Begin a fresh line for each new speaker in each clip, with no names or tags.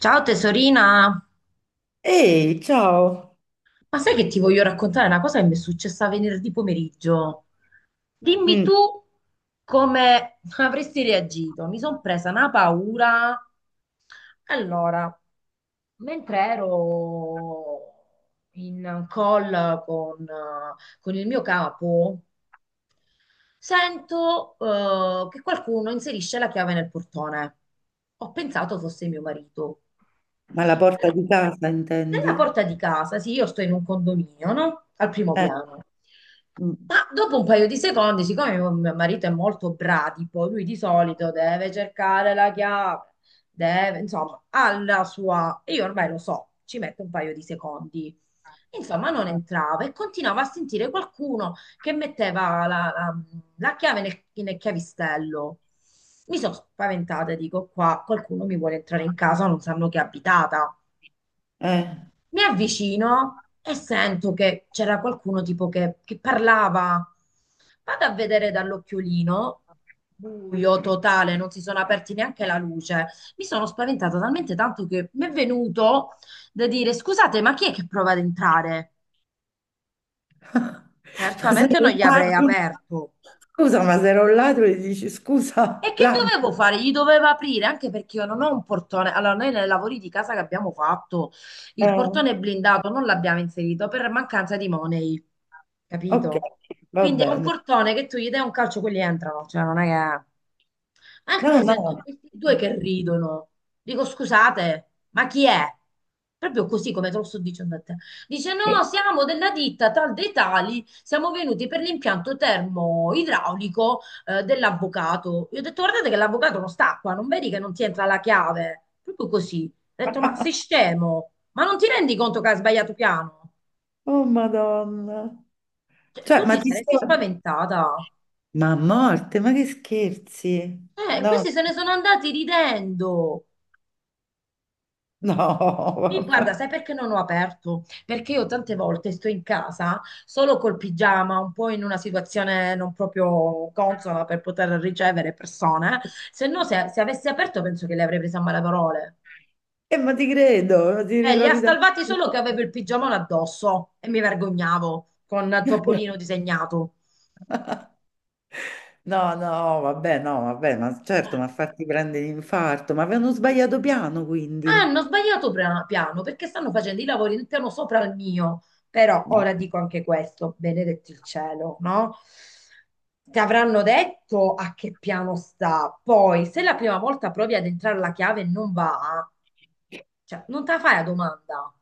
Ciao tesorina,
Ehi, ciao!
ma sai che ti voglio raccontare una cosa che mi è successa venerdì pomeriggio? Dimmi
Mm.
tu come avresti reagito. Mi sono presa una paura. Allora, mentre ero in call con il mio capo, sento che qualcuno inserisce la chiave nel portone. Ho pensato fosse mio marito.
Ma la porta di casa intendi?
Nella porta di casa, sì, io sto in un condominio, no? Al primo
Eh.
piano.
Mm.
Ma dopo un paio di secondi, siccome mio marito è molto bradipo, lui di solito deve cercare la chiave, deve, insomma, ha la sua. E io ormai lo so, ci mette un paio di secondi. Insomma, non
Eh.
entrava e continuava a sentire qualcuno che metteva la chiave nel chiavistello. Mi sono spaventata, dico qua, qualcuno mi vuole entrare in casa, non sanno che è abitata.
Eh.
Mi avvicino e sento che c'era qualcuno tipo che parlava. Vado a vedere dall'occhiolino, buio totale, non si sono aperti neanche la luce. Mi sono spaventata talmente tanto che mi è venuto da dire: scusate, ma chi è che prova ad entrare?
Ma sei
Certamente non
un
gli avrei
ladro?
aperto.
Scusa, ma se ero un ladro e dici scusa,
E che
ladro.
dovevo fare? Gli dovevo aprire, anche perché io non ho un portone. Allora, noi nei lavori di casa che abbiamo fatto, il
Eh,
portone blindato non l'abbiamo inserito per mancanza di money,
ok,
capito?
va
Quindi è un
bene.
portone che tu gli dai un calcio, quelli entrano, cioè non è che. Anche
No, no.
sento questi due che ridono. Dico, scusate, ma chi è? Proprio così come te lo sto dicendo a te. Dice,
Eh.
no, siamo della ditta tal dei tali, siamo venuti per l'impianto termoidraulico dell'avvocato. Io ho detto, guardate che l'avvocato non sta qua, non vedi che non ti entra la chiave? Proprio così. Ho detto, ma sei scemo? Ma non ti rendi conto che hai sbagliato piano?
Oh, Madonna.
Cioè,
Cioè,
tu
ma
ti
ti
saresti
stai...
spaventata.
Ma a morte, ma che scherzi? No,
Questi se ne sono andati ridendo.
no,
Guarda,
vabbè.
sai perché non ho aperto? Perché io tante volte sto in casa solo col pigiama, un po' in una situazione non proprio consona per poter ricevere persone. Se no, se avessi aperto, penso che le avrei prese a malaparte.
Ma ti credo, ti
Cioè, li ha
ritrovi da...
salvati solo che avevo il pigiamone addosso e mi vergognavo con Topolino disegnato.
No, no, vabbè, no, vabbè, ma certo, ma farti prendere l'infarto, ma avevano sbagliato piano,
Ah, hanno
quindi.
sbagliato piano perché stanno facendo i lavori del piano sopra il mio. Però
No.
ora dico anche questo, benedetti il cielo, no? Ti avranno detto a che piano sta. Poi, se la prima volta provi ad entrare la chiave e non va, cioè, non te la fai la domanda.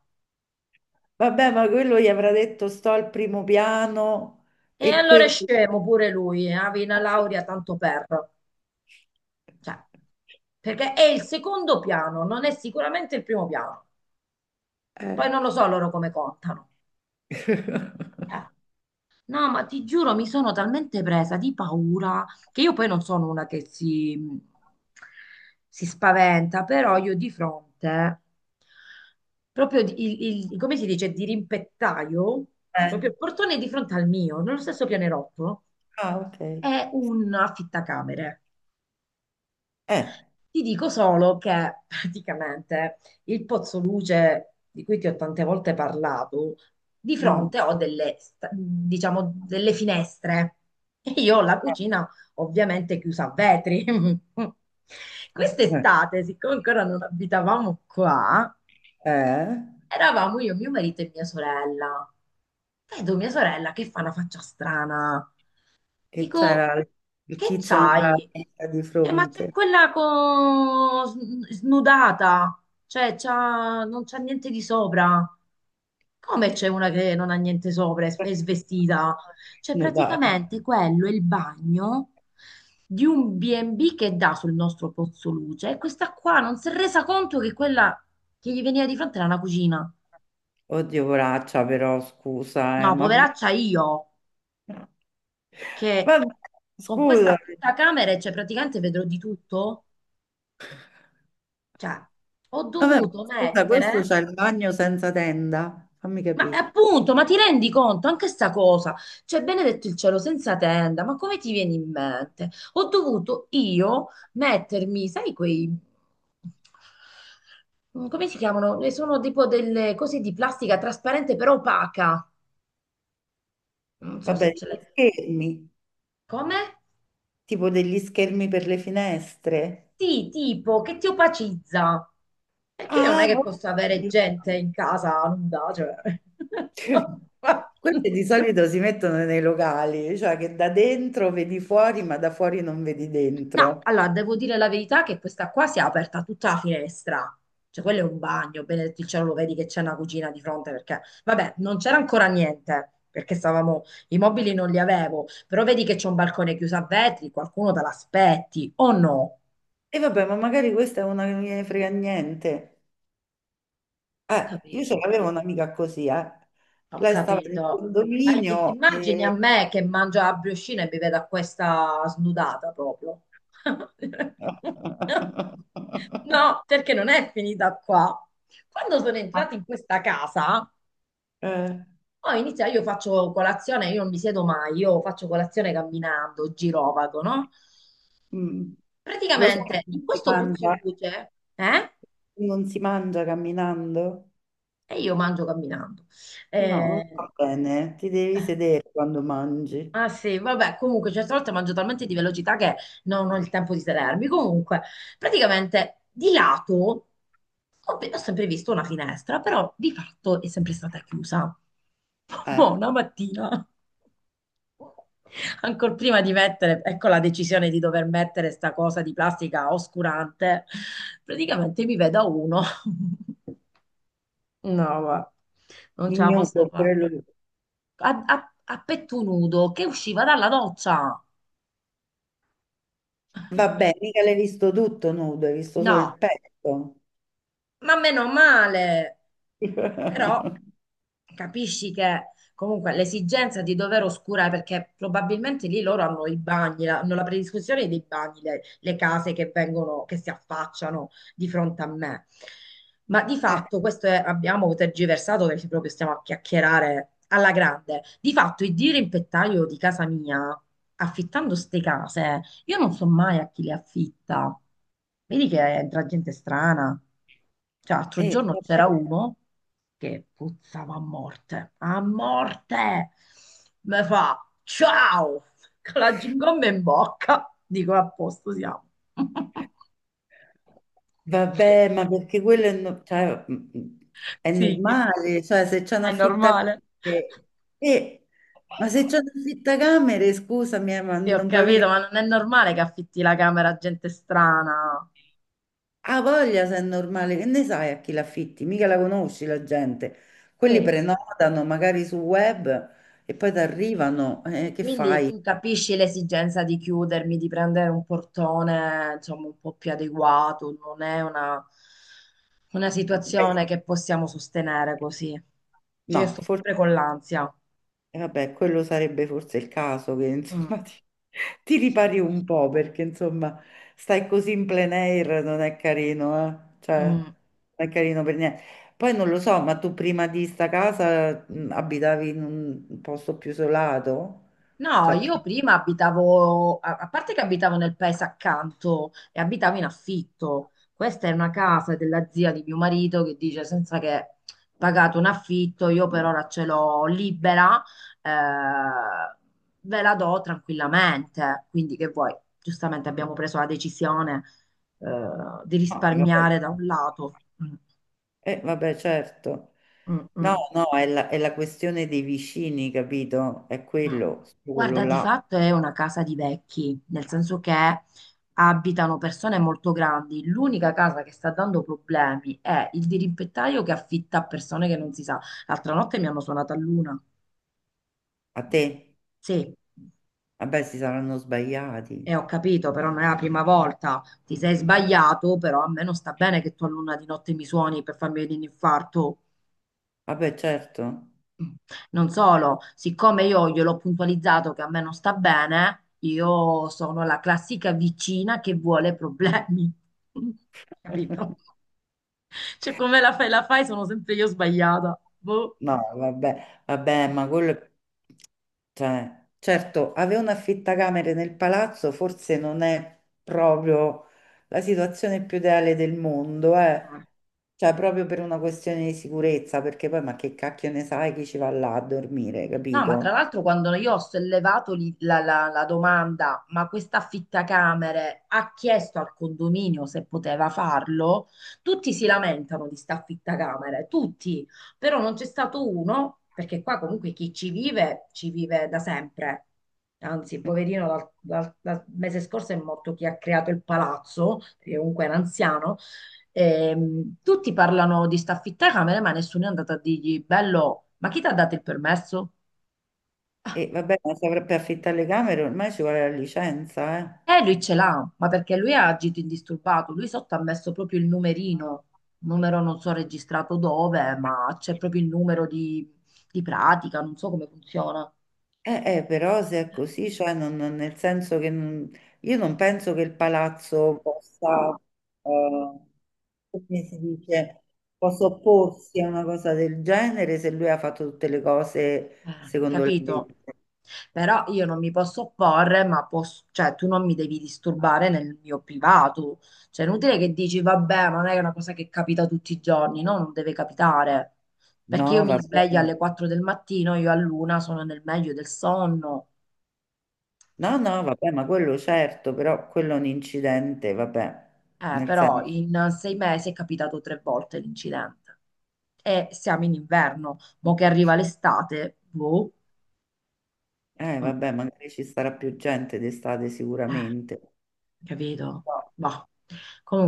Vabbè, ma quello gli avrà detto sto al primo piano
E
e
allora è
quello...
scemo pure lui, avevi una laurea tanto per. Cioè, perché è il secondo piano, non è sicuramente il primo piano. Poi
Eh.
non lo so loro come contano. Eh. No, ma ti giuro, mi sono talmente presa di paura che io poi non sono una che si spaventa, però io di fronte, proprio come si dice, di rimpettaio,
Eh.
proprio il portone di fronte al mio, nello stesso pianerottolo,
Ah, ok.
è un affittacamere.
Eh.
Ti dico solo che praticamente il Pozzo Luce, di cui ti ho tante volte parlato, di
Mm,
fronte ho diciamo, delle finestre e io ho la cucina ovviamente chiusa a vetri.
ok.
Quest'estate, siccome ancora non abitavamo qua,
Eh,
eravamo io, mio marito e mia sorella. Vedo mia sorella che fa una faccia strana.
che
Dico,
c'era il
che
tizio nella
c'hai?
testa di
Cioè, ma c'è
fronte.
quella snudata, cioè non c'ha niente di sopra. Come c'è una che non ha niente sopra, è svestita? Cioè,
Nudata.
praticamente quello è il bagno di un B&B che dà sul nostro pozzo luce e questa qua non si è resa conto che quella che gli veniva di fronte era una cucina.
Oddio, poraccia, però scusa,
No,
ma
poveraccia io, che
vabbè,
con
scusa,
questa fitta camera, cioè praticamente vedrò di tutto. Cioè, ho
vabbè,
dovuto
ma scusa, questo
mettere,
c'ha il bagno senza tenda, fammi
ma
capire.
appunto, ma ti rendi conto anche sta cosa? Cioè, benedetto il cielo senza tenda, ma come ti viene in mente? Ho dovuto io mettermi, sai, quei, come si chiamano? Sono tipo delle cose di plastica trasparente però opaca. Non so se
Vabbè,
ce
degli
l'hai.
schermi,
Come?
tipo degli schermi per le finestre.
Sì, tipo che ti opacizza. Perché non
Ah,
è che posso avere
ok.
gente in casa nuda, cioè.
Quelli di solito si mettono nei locali, cioè che da dentro vedi fuori, ma da fuori non vedi
No,
dentro.
allora devo dire la verità che questa qua si è aperta tutta la finestra. Cioè, quello è un bagno, benedetto il cielo, lo vedi che c'è una cucina di fronte perché, vabbè, non c'era ancora niente perché stavamo, i mobili non li avevo, però vedi che c'è un balcone chiuso a vetri, qualcuno te l'aspetti o no?
E vabbè, ma magari questa è una che non gliene frega niente.
Ho
Io ce
capito.
l'avevo un'amica così, eh.
Ho
Lei stava nel
capito. Ma ti
condominio
immagini a
e...
me che mangio la briochina e mi vedo a questa snudata proprio? No, perché non è finita qua. Quando sono entrata in questa casa,
Eh,
poi inizia, io faccio colazione, io non mi siedo mai, io faccio colazione camminando, girovago, no?
mm. Lo so che
Praticamente
non
in
si
questo
mangia,
puzzoluce, eh?
non si mangia camminando?
E io mangio camminando.
No, non
Eh,
va bene, ti devi sedere quando mangi.
Ah sì, vabbè, comunque certe volte mangio talmente di velocità che non ho il tempo di sedermi. Comunque, praticamente di lato ho sempre visto una finestra, però di fatto è sempre stata chiusa.
Eh,
Mo, una mattina, ancora prima di mettere, ecco la decisione di dover mettere sta cosa di plastica oscurante, praticamente mi vedo uno. No, va, non ce
il
la
nudo
posso
oppure
fare.
lui.
A, a a petto nudo che usciva dalla doccia.
Vabbè, mica l'hai visto tutto nudo, hai visto solo il
No,
petto.
ma meno male. Però capisci che comunque l'esigenza di dover oscurare, perché probabilmente lì loro hanno i bagni, hanno la predisposizione dei bagni, le case che vengono, che si affacciano di fronte a me. Ma di
Eh,
fatto abbiamo tergiversato perché proprio stiamo a chiacchierare alla grande. Di fatto il dirimpettaio di casa mia, affittando ste case, io non so mai a chi le affitta. Vedi che entra gente strana. Cioè, l'altro giorno
vabbè.
c'era uno che puzzava a morte, a morte. Me fa ciao con la gingomba in bocca. Dico a posto siamo.
Vabbè, ma perché quello è, cioè, è
Sì,
normale, cioè se c'è un
è normale.
affittacamere, eh, ma se c'è un affittacamere, scusami, ma
Sì, ho
non puoi mica...
capito, ma non è normale che affitti la camera a gente strana.
Ha voglia se è normale, che ne sai a chi l'affitti? Mica la conosci la gente. Quelli
E
prenotano magari sul web e poi ti arrivano, che
quindi
fai?
tu capisci l'esigenza di chiudermi, di prendere un portone, insomma, un po' più adeguato, non è una
Eh.
situazione che possiamo sostenere così. Cioè, io
No,
sto
forse...
sempre con l'ansia.
E vabbè, quello sarebbe forse il caso che
Mm,
insomma ti
sì.
ripari un po' perché insomma stai così in plein air non è carino, eh? Cioè,
Mm.
non è carino per niente. Poi non lo so, ma tu prima di sta casa abitavi in un posto più isolato?
No,
Cioè,
io
più-
prima abitavo, a parte che abitavo nel paese accanto e abitavo in affitto. Questa è una casa della zia di mio marito che dice senza che pagato un affitto, io per ora ce l'ho libera, eh, ve la do tranquillamente. Quindi che vuoi? Giustamente abbiamo preso la decisione, eh, di
No, vabbè,
risparmiare da un lato. Mm,
vabbè, certo.
mm,
No,
mm.
no, è la questione dei vicini, capito? È
Ma
quello, su quello
guarda, di
là.
fatto è una casa di vecchi, nel senso che abitano persone molto grandi. L'unica casa che sta dando problemi è il dirimpettaio che affitta a persone che non si sa. L'altra notte mi hanno suonato a luna.
A te?
Sì,
Vabbè, si saranno
e
sbagliati.
ho capito, però non è la prima volta. Ti sei sbagliato, però a me non sta bene che tu a luna di notte mi suoni per farmi venire un infarto.
Vabbè, certo.
Non solo, siccome io gliel'ho puntualizzato che a me non sta bene, io sono la classica vicina che vuole problemi. Capito? Cioè, come la fai, sono sempre io sbagliata. Boh.
No, vabbè, vabbè, ma quello, è- cioè, certo, avere un affittacamere nel palazzo forse non è proprio la situazione più ideale del mondo, eh. Cioè, proprio per una questione di sicurezza, perché poi, ma che cacchio ne sai chi ci va là a dormire,
No, ma tra
capito?
l'altro quando io ho sollevato lì la domanda, ma questa affittacamere ha chiesto al condominio se poteva farlo, tutti si lamentano di sta affittacamere, tutti, però non c'è stato uno, perché qua comunque chi ci vive da sempre. Anzi, poverino, dal mese scorso è morto chi ha creato il palazzo, che comunque era anziano. Tutti parlano di sta affittacamere, ma nessuno è andato a dirgli, bello, ma chi ti ha dato il permesso?
E vabbè, ma se per affittare le camere ormai ci vuole la licenza, eh.
Lui ce l'ha, ma perché lui ha agito indisturbato, lui sotto ha messo proprio il numerino, numero non so registrato dove, ma c'è proprio il numero di, pratica, non so come funziona.
Però se è così, cioè nel senso che non- io non penso che il palazzo possa, eh, come si dice, possa opporsi a una cosa del genere se lui ha fatto tutte le cose secondo la
Capito?
legge.
Però io non mi posso opporre, ma posso, cioè tu non mi devi disturbare nel mio privato, cioè è inutile che dici vabbè, ma non è una cosa che capita tutti i giorni, no, non deve capitare, perché io
No,
mi sveglio
vabbè,
alle 4 del mattino, io all'una sono nel meglio del sonno, cioè.
no, no, vabbè, ma quello certo, però quello è un incidente, vabbè, nel
Però
senso,
in 6 mesi è capitato tre volte l'incidente. E siamo in inverno, mo che arriva l'estate, boh, mm,
vabbè, magari ci sarà più gente d'estate
eh,
sicuramente.
capito? Boh.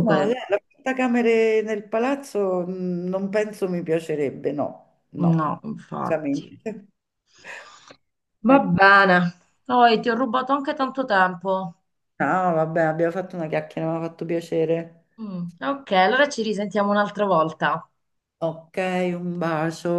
No, la portacamere nel palazzo non penso mi piacerebbe, no, no,
no, infatti.
veramente.
Va
Ecco.
bene. Poi ti ho rubato anche tanto tempo.
No, vabbè, abbiamo fatto una chiacchiera, mi ha fatto piacere.
Mm, ok, allora ci risentiamo un'altra volta.
Ok, un bacio.